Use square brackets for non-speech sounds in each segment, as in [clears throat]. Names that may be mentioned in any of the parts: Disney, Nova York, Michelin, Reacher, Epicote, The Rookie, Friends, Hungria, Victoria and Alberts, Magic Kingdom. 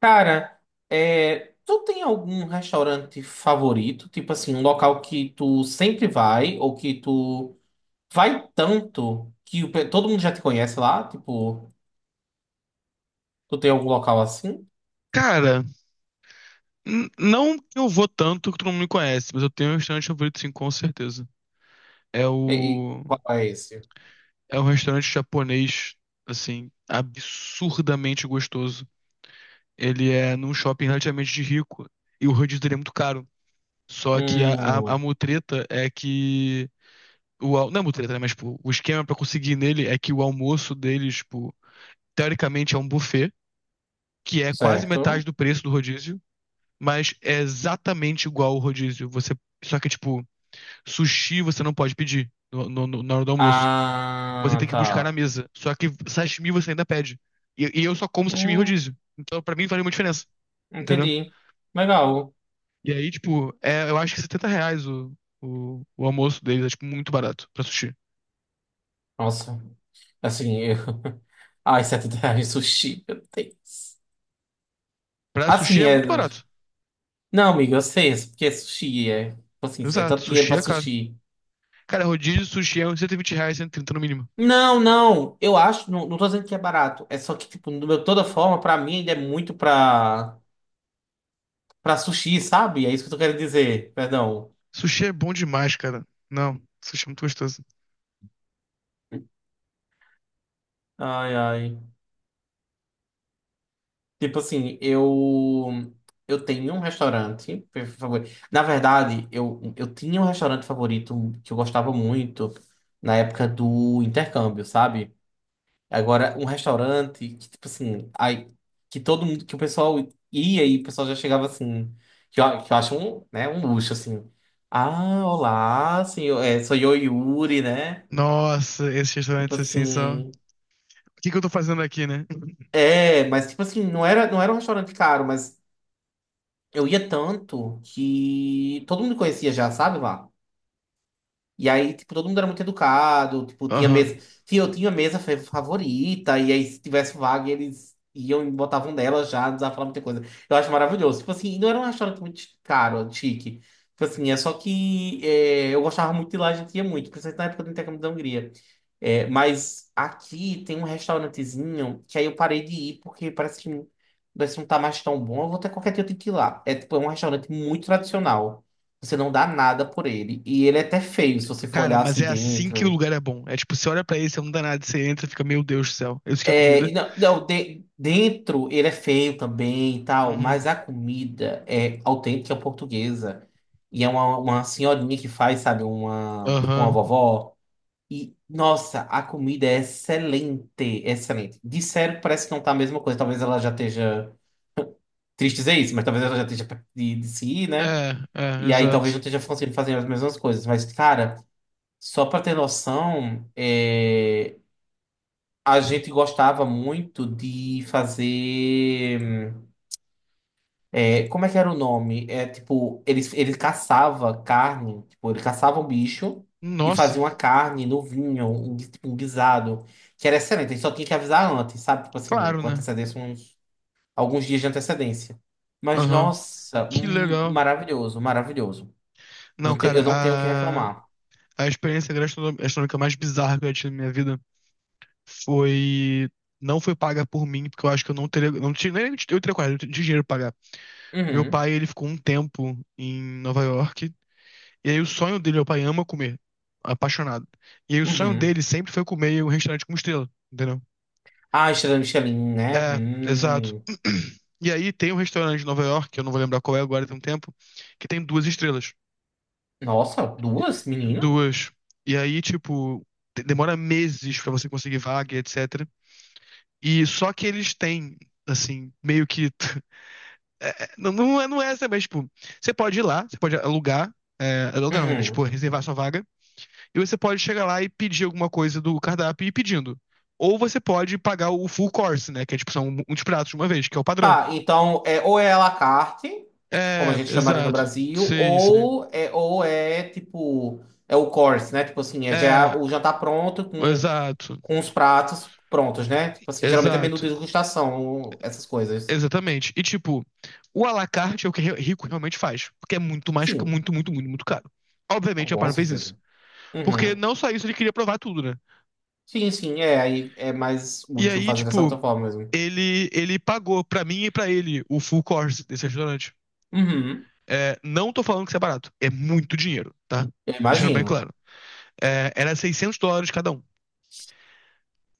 Cara, é, tu tem algum restaurante favorito? Tipo assim, um local que tu sempre vai ou que tu vai tanto que todo mundo já te conhece lá? Tipo, tu tem algum local assim? Cara, não que eu vou tanto que todo mundo me conhece, mas eu tenho um restaurante favorito, sim, com certeza. É E, e o. qual é esse? É um restaurante japonês, assim, absurdamente gostoso. Ele é num shopping relativamente de rico e o rodízio dele é muito caro. Só que a Hum, mutreta é que. Não é mutreta, né? Mas, tipo, o esquema pra conseguir nele é que o almoço deles, tipo, teoricamente é um buffet, que é quase metade certo. do preço do rodízio, mas é exatamente igual ao rodízio. Você. Só que, tipo. Sushi você não pode pedir na hora do almoço. Você Ah, tem que buscar na tá. mesa. Só que sashimi você ainda pede. E eu só como sashimi em Hum, rodízio. Então, pra mim, faz uma diferença. Entendeu? entendi. Legal. E aí, tipo, é, eu acho que R$ 70 o almoço deles é, tipo, muito barato pra sushi. Nossa, assim, eu... [laughs] Ai, R$ reais sushi, meu Deus. Pra sushi Assim, é é. muito barato. Não, amigo, eu sei, é porque é sushi, é. Tipo assim, é Exato. tanto dinheiro Sushi pra é caro. sushi. Cara, rodízio, sushi é uns R$ 120, 130 no mínimo. Não, não, eu acho, não, não tô dizendo que é barato. É só que, tipo, de toda forma, pra mim ainda é muito pra, sushi, sabe? É isso que eu tô querendo dizer, perdão. Sushi é bom demais, cara. Não, sushi é muito gostoso. Ai, ai. Tipo assim, eu. Eu tenho um restaurante por favor. Na verdade, eu tinha um restaurante favorito que eu gostava muito na época do intercâmbio, sabe? Agora, um restaurante que, tipo assim, aí, que todo mundo, que o pessoal ia e o pessoal já chegava assim, que eu, acho um, né, um luxo, assim. Ah, olá, senhor, é, sou eu, Yuri, né? Nossa, esses Tipo restaurantes assim são. assim. O que que eu tô fazendo aqui, né? É, mas tipo assim, não era um restaurante caro, mas eu ia tanto que todo mundo conhecia já, sabe lá? E aí, tipo, todo mundo era muito educado, tipo, tinha mesa. Aham. Tinha, eu tinha mesa favorita, e aí se tivesse vaga, eles iam e botavam nela já, não precisava falar muita coisa. Eu acho maravilhoso. Tipo assim, e não era um restaurante muito caro, chique. Tipo assim, é só que é, eu gostava muito de lá, a gente ia muito, principalmente na época do intercâmbio da Hungria. É, mas aqui tem um restaurantezinho que aí eu parei de ir porque parece que, não tá mais tão bom. Eu vou ter qualquer dia eu tenho que ir lá. É, tipo, é um restaurante muito tradicional. Você não dá nada por ele. E ele é até feio, se você for Cara, olhar mas assim é assim que o dentro. lugar é bom. É tipo, você olha pra ele, você não dá nada, você entra e fica, meu Deus do céu, isso que é É, comida? e não, não, dentro ele é feio também e tal, Uhum. mas a comida é autêntica portuguesa. E é uma, senhorinha que faz, sabe, uma, tipo uma Aham. vovó. E, nossa, a comida é excelente, excelente. Disseram que parece que não tá a mesma coisa. Talvez ela já esteja triste dizer isso, mas talvez ela já esteja perto de, se ir, né? É, é, E aí talvez exato. não esteja conseguindo fazer as mesmas coisas. Mas, cara. Só para ter noção, é, a gente gostava muito de fazer. Como é que era o nome? É tipo, ele caçava carne, tipo, ele caçava um bicho e Nossa, fazia uma carne no vinho, um, tipo, um guisado, que era excelente. Ele só tinha que avisar antes, sabe? Tipo assim, claro, com né? antecedência, uns, alguns dias de antecedência. Mas Aham. nossa, Que legal. maravilhoso, maravilhoso. Não, Não te- cara, eu não tenho o que a, reclamar. a experiência gastronômica mais bizarra que eu tive na minha vida foi. Não foi paga por mim, porque eu acho que eu não teria. Não tinha, nem eu teria coragem, eu não tinha dinheiro pra pagar. Meu Uhum, pai, ele ficou um tempo em Nova York. E aí o sonho dele, meu pai ama comer, apaixonado. E aí o sonho uhum. dele sempre foi comer em um restaurante com estrela, entendeu? Ah, estrela Michelin, né? É, exato. Hum. [clears throat] E aí tem um restaurante em Nova York, que eu não vou lembrar qual é agora, tem um tempo, que tem duas estrelas. Nossa, duas, menina? Duas. E aí, tipo, demora meses pra você conseguir vaga, e etc. E só que eles têm, assim, meio que. [laughs] É, é, não, não é essa, mas, tipo, você pode ir lá, você pode alugar, é, alugar não, é, tipo, Uhum. reservar sua vaga. E você pode chegar lá e pedir alguma coisa do cardápio e ir pedindo. Ou você pode pagar o full course, né? Que é tipo, são uns pratos de uma vez, que é o padrão. Tá, então, é, ou é à la carte, como É, a gente chamaria no exato. Brasil, Sim, sim. ou é, tipo, é o course, né? Tipo assim, é É, já o jantar pronto com, exato. com os pratos prontos, né? Tipo assim, geralmente é menu de Exato. degustação, essas coisas. Exatamente. E tipo, o à la carte é o que rico realmente faz. Porque é muito mais, Sim, muito, muito, muito, muito caro. Obviamente, o pai com não fez isso. certeza. Porque Uhum. não só isso, ele queria provar tudo, né? Sim, sim, é, aí é mais E útil aí, fazer dessa tipo, outra forma mesmo. ele pagou pra mim e pra ele o full course desse restaurante. Uhum. É, não tô falando que isso é barato. É muito dinheiro, tá? Eu Deixando bem imagino. claro. É, era US$ 600 cada um.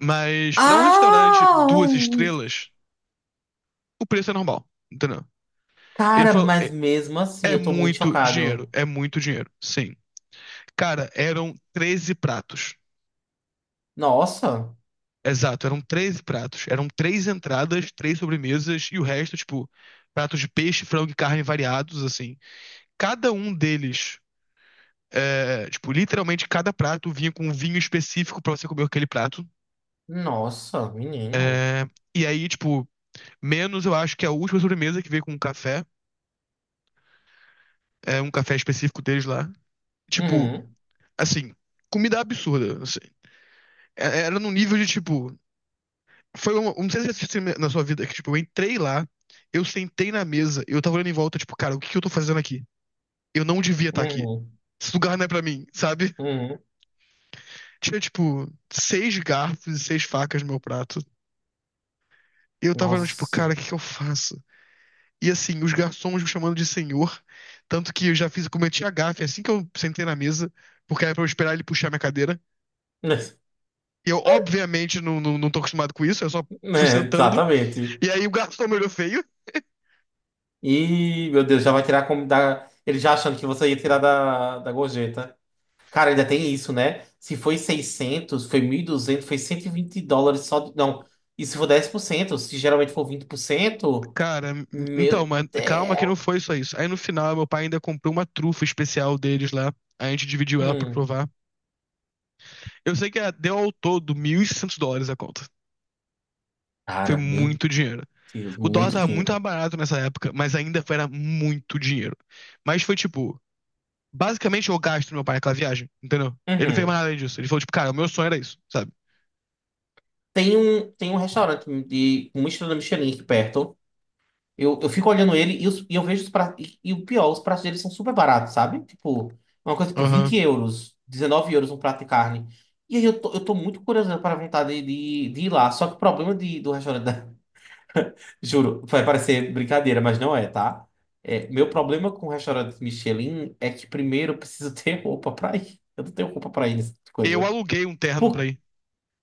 Mas pra um restaurante Ah! duas estrelas, o preço é normal, entendeu? Ele Cara, falou, mas é, mesmo assim, eu tô muito chocado. é muito dinheiro, sim. Cara, eram 13 pratos. Nossa, Exato, eram 13 pratos. Eram três entradas, três sobremesas e o resto, tipo, pratos de peixe, frango e carne variados, assim. Cada um deles, é, tipo, literalmente cada prato vinha com um vinho específico pra você comer aquele prato. nossa, menino. E aí, tipo, menos eu acho que é a última sobremesa que veio com um café, é um café específico deles lá. Tipo, Uhum, assim, comida absurda, assim. É- Era num nível de, tipo, foi uma, não sei se você tem na sua vida, que, tipo, eu entrei lá, eu sentei na mesa, eu tava olhando em volta, tipo, cara, o que que eu tô fazendo aqui? Eu não devia estar aqui. uhum, Esse lugar não é pra mim, sabe? [laughs] uhum. Tinha, tipo, seis garfos e seis facas no meu prato. E eu tava olhando, tipo, Nossa. cara, o que que eu faço? E assim, os garçons me chamando de senhor. Tanto que eu já fiz, eu cometi a gafe assim que eu sentei na mesa, porque era pra eu esperar ele puxar minha cadeira. [laughs] Eu, obviamente, não, não, não tô acostumado com isso, eu só fui É, sentando. exatamente. E aí o garçom me olhou feio. E, meu Deus, já vai tirar como da. Ele já achando que você ia tirar da, gorjeta. Cara, ainda tem isso, né? Se foi 600, foi 1.200, foi US$ 120 só. Não, e se for 10%? Se geralmente for 20%? Cara, então, Meu mas calma que Deus. não foi só isso. Aí no final, meu pai ainda comprou uma trufa especial deles lá. A gente dividiu ela pra Hum. provar. Eu sei que ah, deu ao todo US$ 1.600 a conta. Foi Cara, meu muito dinheiro. Deus, O dólar muito tava muito dinheiro. mais barato nessa época, mas ainda foi, era muito dinheiro. Mas foi tipo. Basicamente, eu gasto meu pai aquela viagem, entendeu? Ele não fez mais Uhum. nada além disso. Ele falou, tipo, cara, o meu sonho era isso, sabe? tem um restaurante com uma estrela Michelin aqui perto. Eu fico olhando ele e, e eu vejo os pratos. E o pior, os pratos deles são super baratos, sabe? Tipo, uma coisa tipo 20 Aham. euros, 19 euros um prato de carne. E aí eu tô, muito curioso para a vontade de ir lá. Só que o problema do restaurante. [laughs] Juro, vai parecer brincadeira, mas não é, tá? É, meu problema com o restaurante Michelin é que primeiro eu preciso [laughs] ter roupa pra ir. Eu não tenho roupa pra ir nessa Eu coisa. aluguei um terno pra ir.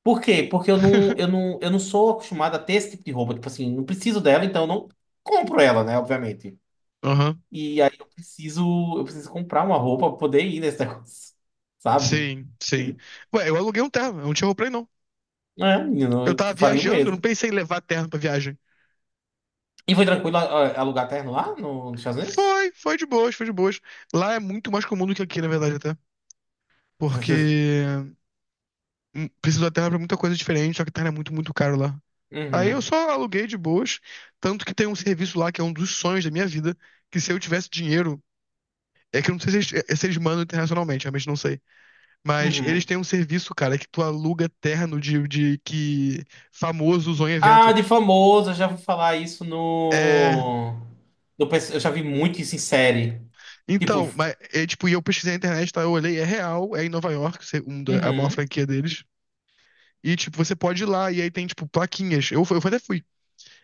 Por quê? Porque eu não, eu [laughs] não, eu não sou acostumado a ter esse tipo de roupa. Tipo assim, não preciso dela, então eu não compro ela, né? Obviamente. Aham. E aí eu preciso comprar uma roupa pra poder ir nesse negócio, [laughs] sabe? Sim, sim. Ué, eu aluguei um terno, eu não tinha roupa pra ir, não. É, menino, Eu eu tava faria o viajando, eu não mesmo. pensei em levar terno pra viagem. E foi tranquilo alugar terno lá nos Estados Unidos? Foi, foi de boas, foi de boas. Lá é muito mais comum do que aqui, na verdade, até. [laughs] Porque precisa da terra pra muita coisa diferente, só que terra é muito, muito caro lá. Aí eu Uhum, só aluguei de boas, tanto que tem um serviço lá que é um dos sonhos da minha vida, que se eu tivesse dinheiro. É que eu não sei se eles, é, se eles mandam internacionalmente, realmente não sei. Mas eles uhum. têm um serviço, cara, que tu aluga terno de que famoso usou em Ah, evento. de famoso, eu já vou falar isso É, no. Eu já vi muito isso em série. Tipo, então, mas é, tipo, e eu pesquisei na internet, tá? Eu olhei, é real, é em Nova York, a maior uhum. franquia deles. E, tipo, você pode ir lá, e aí tem, tipo, plaquinhas. Eu, eu até fui.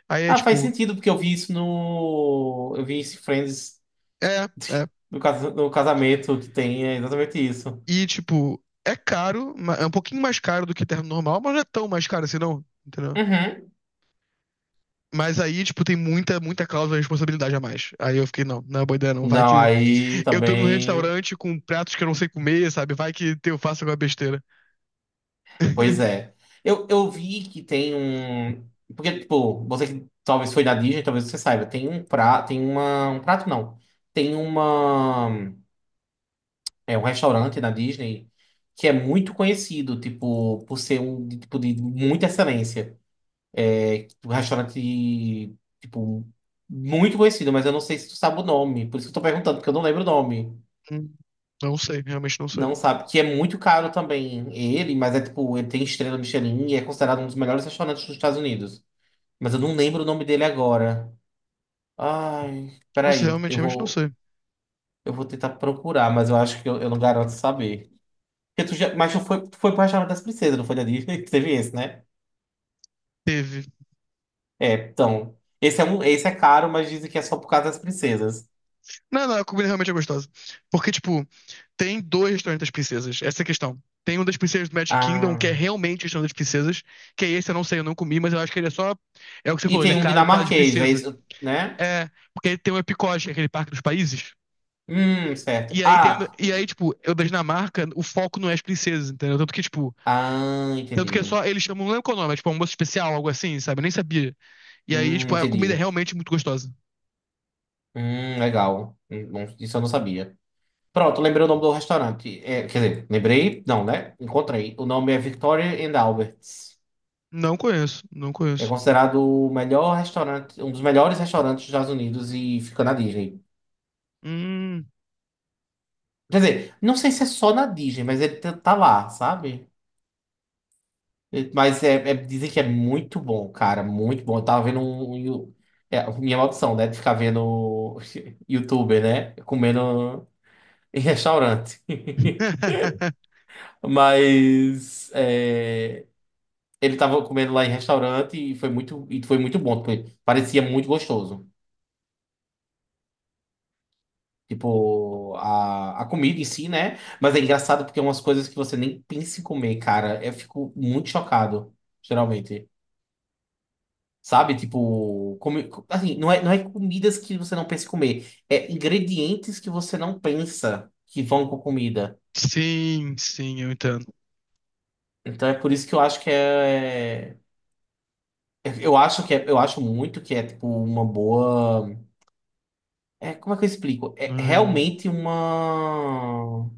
Aí é Ah, faz tipo, sentido, porque eu vi isso no. Eu vi isso em Friends. é, é. No casamento que tem, é exatamente isso. E, tipo, é caro, é um pouquinho mais caro do que terno normal, mas não é tão mais caro assim, não. Entendeu? Uhum. Mas aí, tipo, tem muita, muita cláusula de responsabilidade a mais. Aí eu fiquei, não, não é boa ideia, não. Vai Não, que aí eu tô num também. restaurante com pratos que eu não sei comer, sabe? Vai que eu faço alguma besteira. Pois [laughs] é. Eu vi que tem um. Porque, tipo, você que talvez foi na Disney, talvez você saiba. Tem um prato. Tem uma. Um prato não. Tem uma. É um restaurante na Disney que é muito conhecido, tipo, por ser tipo de muita excelência. É tipo, um restaurante, tipo, muito conhecido, mas eu não sei se tu sabe o nome. Por isso que eu tô perguntando, porque eu não lembro o nome. Hum, não sei, realmente não sei. Não sabe, que é muito caro também ele, mas é tipo, ele tem estrela Michelin e é considerado um dos melhores restaurantes dos Estados Unidos. Mas eu não lembro o nome dele agora. Ai, Nossa, peraí, realmente, eu realmente não vou, sei. eu vou tentar procurar, mas eu acho que eu não garanto saber. Porque tu já, mas tu foi pro restaurante das princesas, não foi da Disney? [laughs] Teve esse, né? Teve. É, então. Esse é caro, mas dizem que é só por causa das princesas. Não, não, a comida realmente é gostosa. Porque, tipo, tem dois restaurantes das princesas, essa é a questão. Tem um das princesas do Magic Kingdom, que Ah, é realmente o restaurante das princesas, que é esse, eu não sei, eu não comi, mas eu acho que ele é só. É o que você e falou, ele tem é um caro por causa de dinamarquês, é princesa. isso, né? É, porque tem o Epicote, que é aquele parque dos países. Certo. E aí tem. E aí, tipo, eu da Dinamarca, o foco não é as princesas, entendeu? Tanto que, tipo, tanto que é Entendi. só. Eles chamam, não lembro qual é o nome, é tipo um almoço especial, algo assim, sabe? Eu nem sabia. E aí, tipo, a comida é Entendi. realmente muito gostosa. Legal. Bom, isso eu não sabia. Pronto, lembrei o nome do restaurante. É, quer dizer, lembrei, não, né? Encontrei. O nome é Victoria and Alberts. Não conheço, não É conheço. considerado o melhor restaurante, um dos melhores restaurantes dos Estados Unidos e fica na Disney. Hum. Quer dizer, não sei se é só na Disney, mas ele tá lá, sabe? Mas é, dizem que é muito bom, cara, muito bom. Eu tava vendo um, um. É, minha maldição, né? De ficar vendo [laughs] youtuber, né? Comendo em restaurante. [laughs] Mas é, ele tava comendo lá em restaurante e foi muito, bom. Tipo, parecia muito gostoso. Tipo, a comida em si, né? Mas é engraçado porque é umas coisas que você nem pensa em comer, cara. Eu fico muito chocado, geralmente. Sabe? Tipo, assim, não é comidas que você não pensa em comer. É ingredientes que você não pensa que vão com comida. Sim, sim, eu entendo. Então é por isso que eu acho que é. Eu acho que é, eu acho muito que é tipo uma boa. É, como é que eu explico? Ai, É ai. realmente uma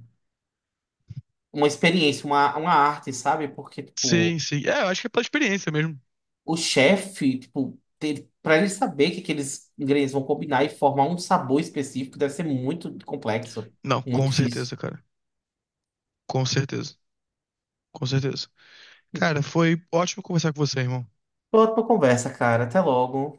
uma experiência, uma arte, sabe? Porque, Sim, tipo, sim. É, eu acho que é pela experiência mesmo. o chefe, tipo, ter, pra ele saber que aqueles ingredientes vão combinar e formar um sabor específico deve ser muito complexo, Não, muito com difícil. certeza, cara. Com certeza. Com certeza. Cara, foi ótimo conversar com você, irmão. Pronto pra conversa, cara. Até logo.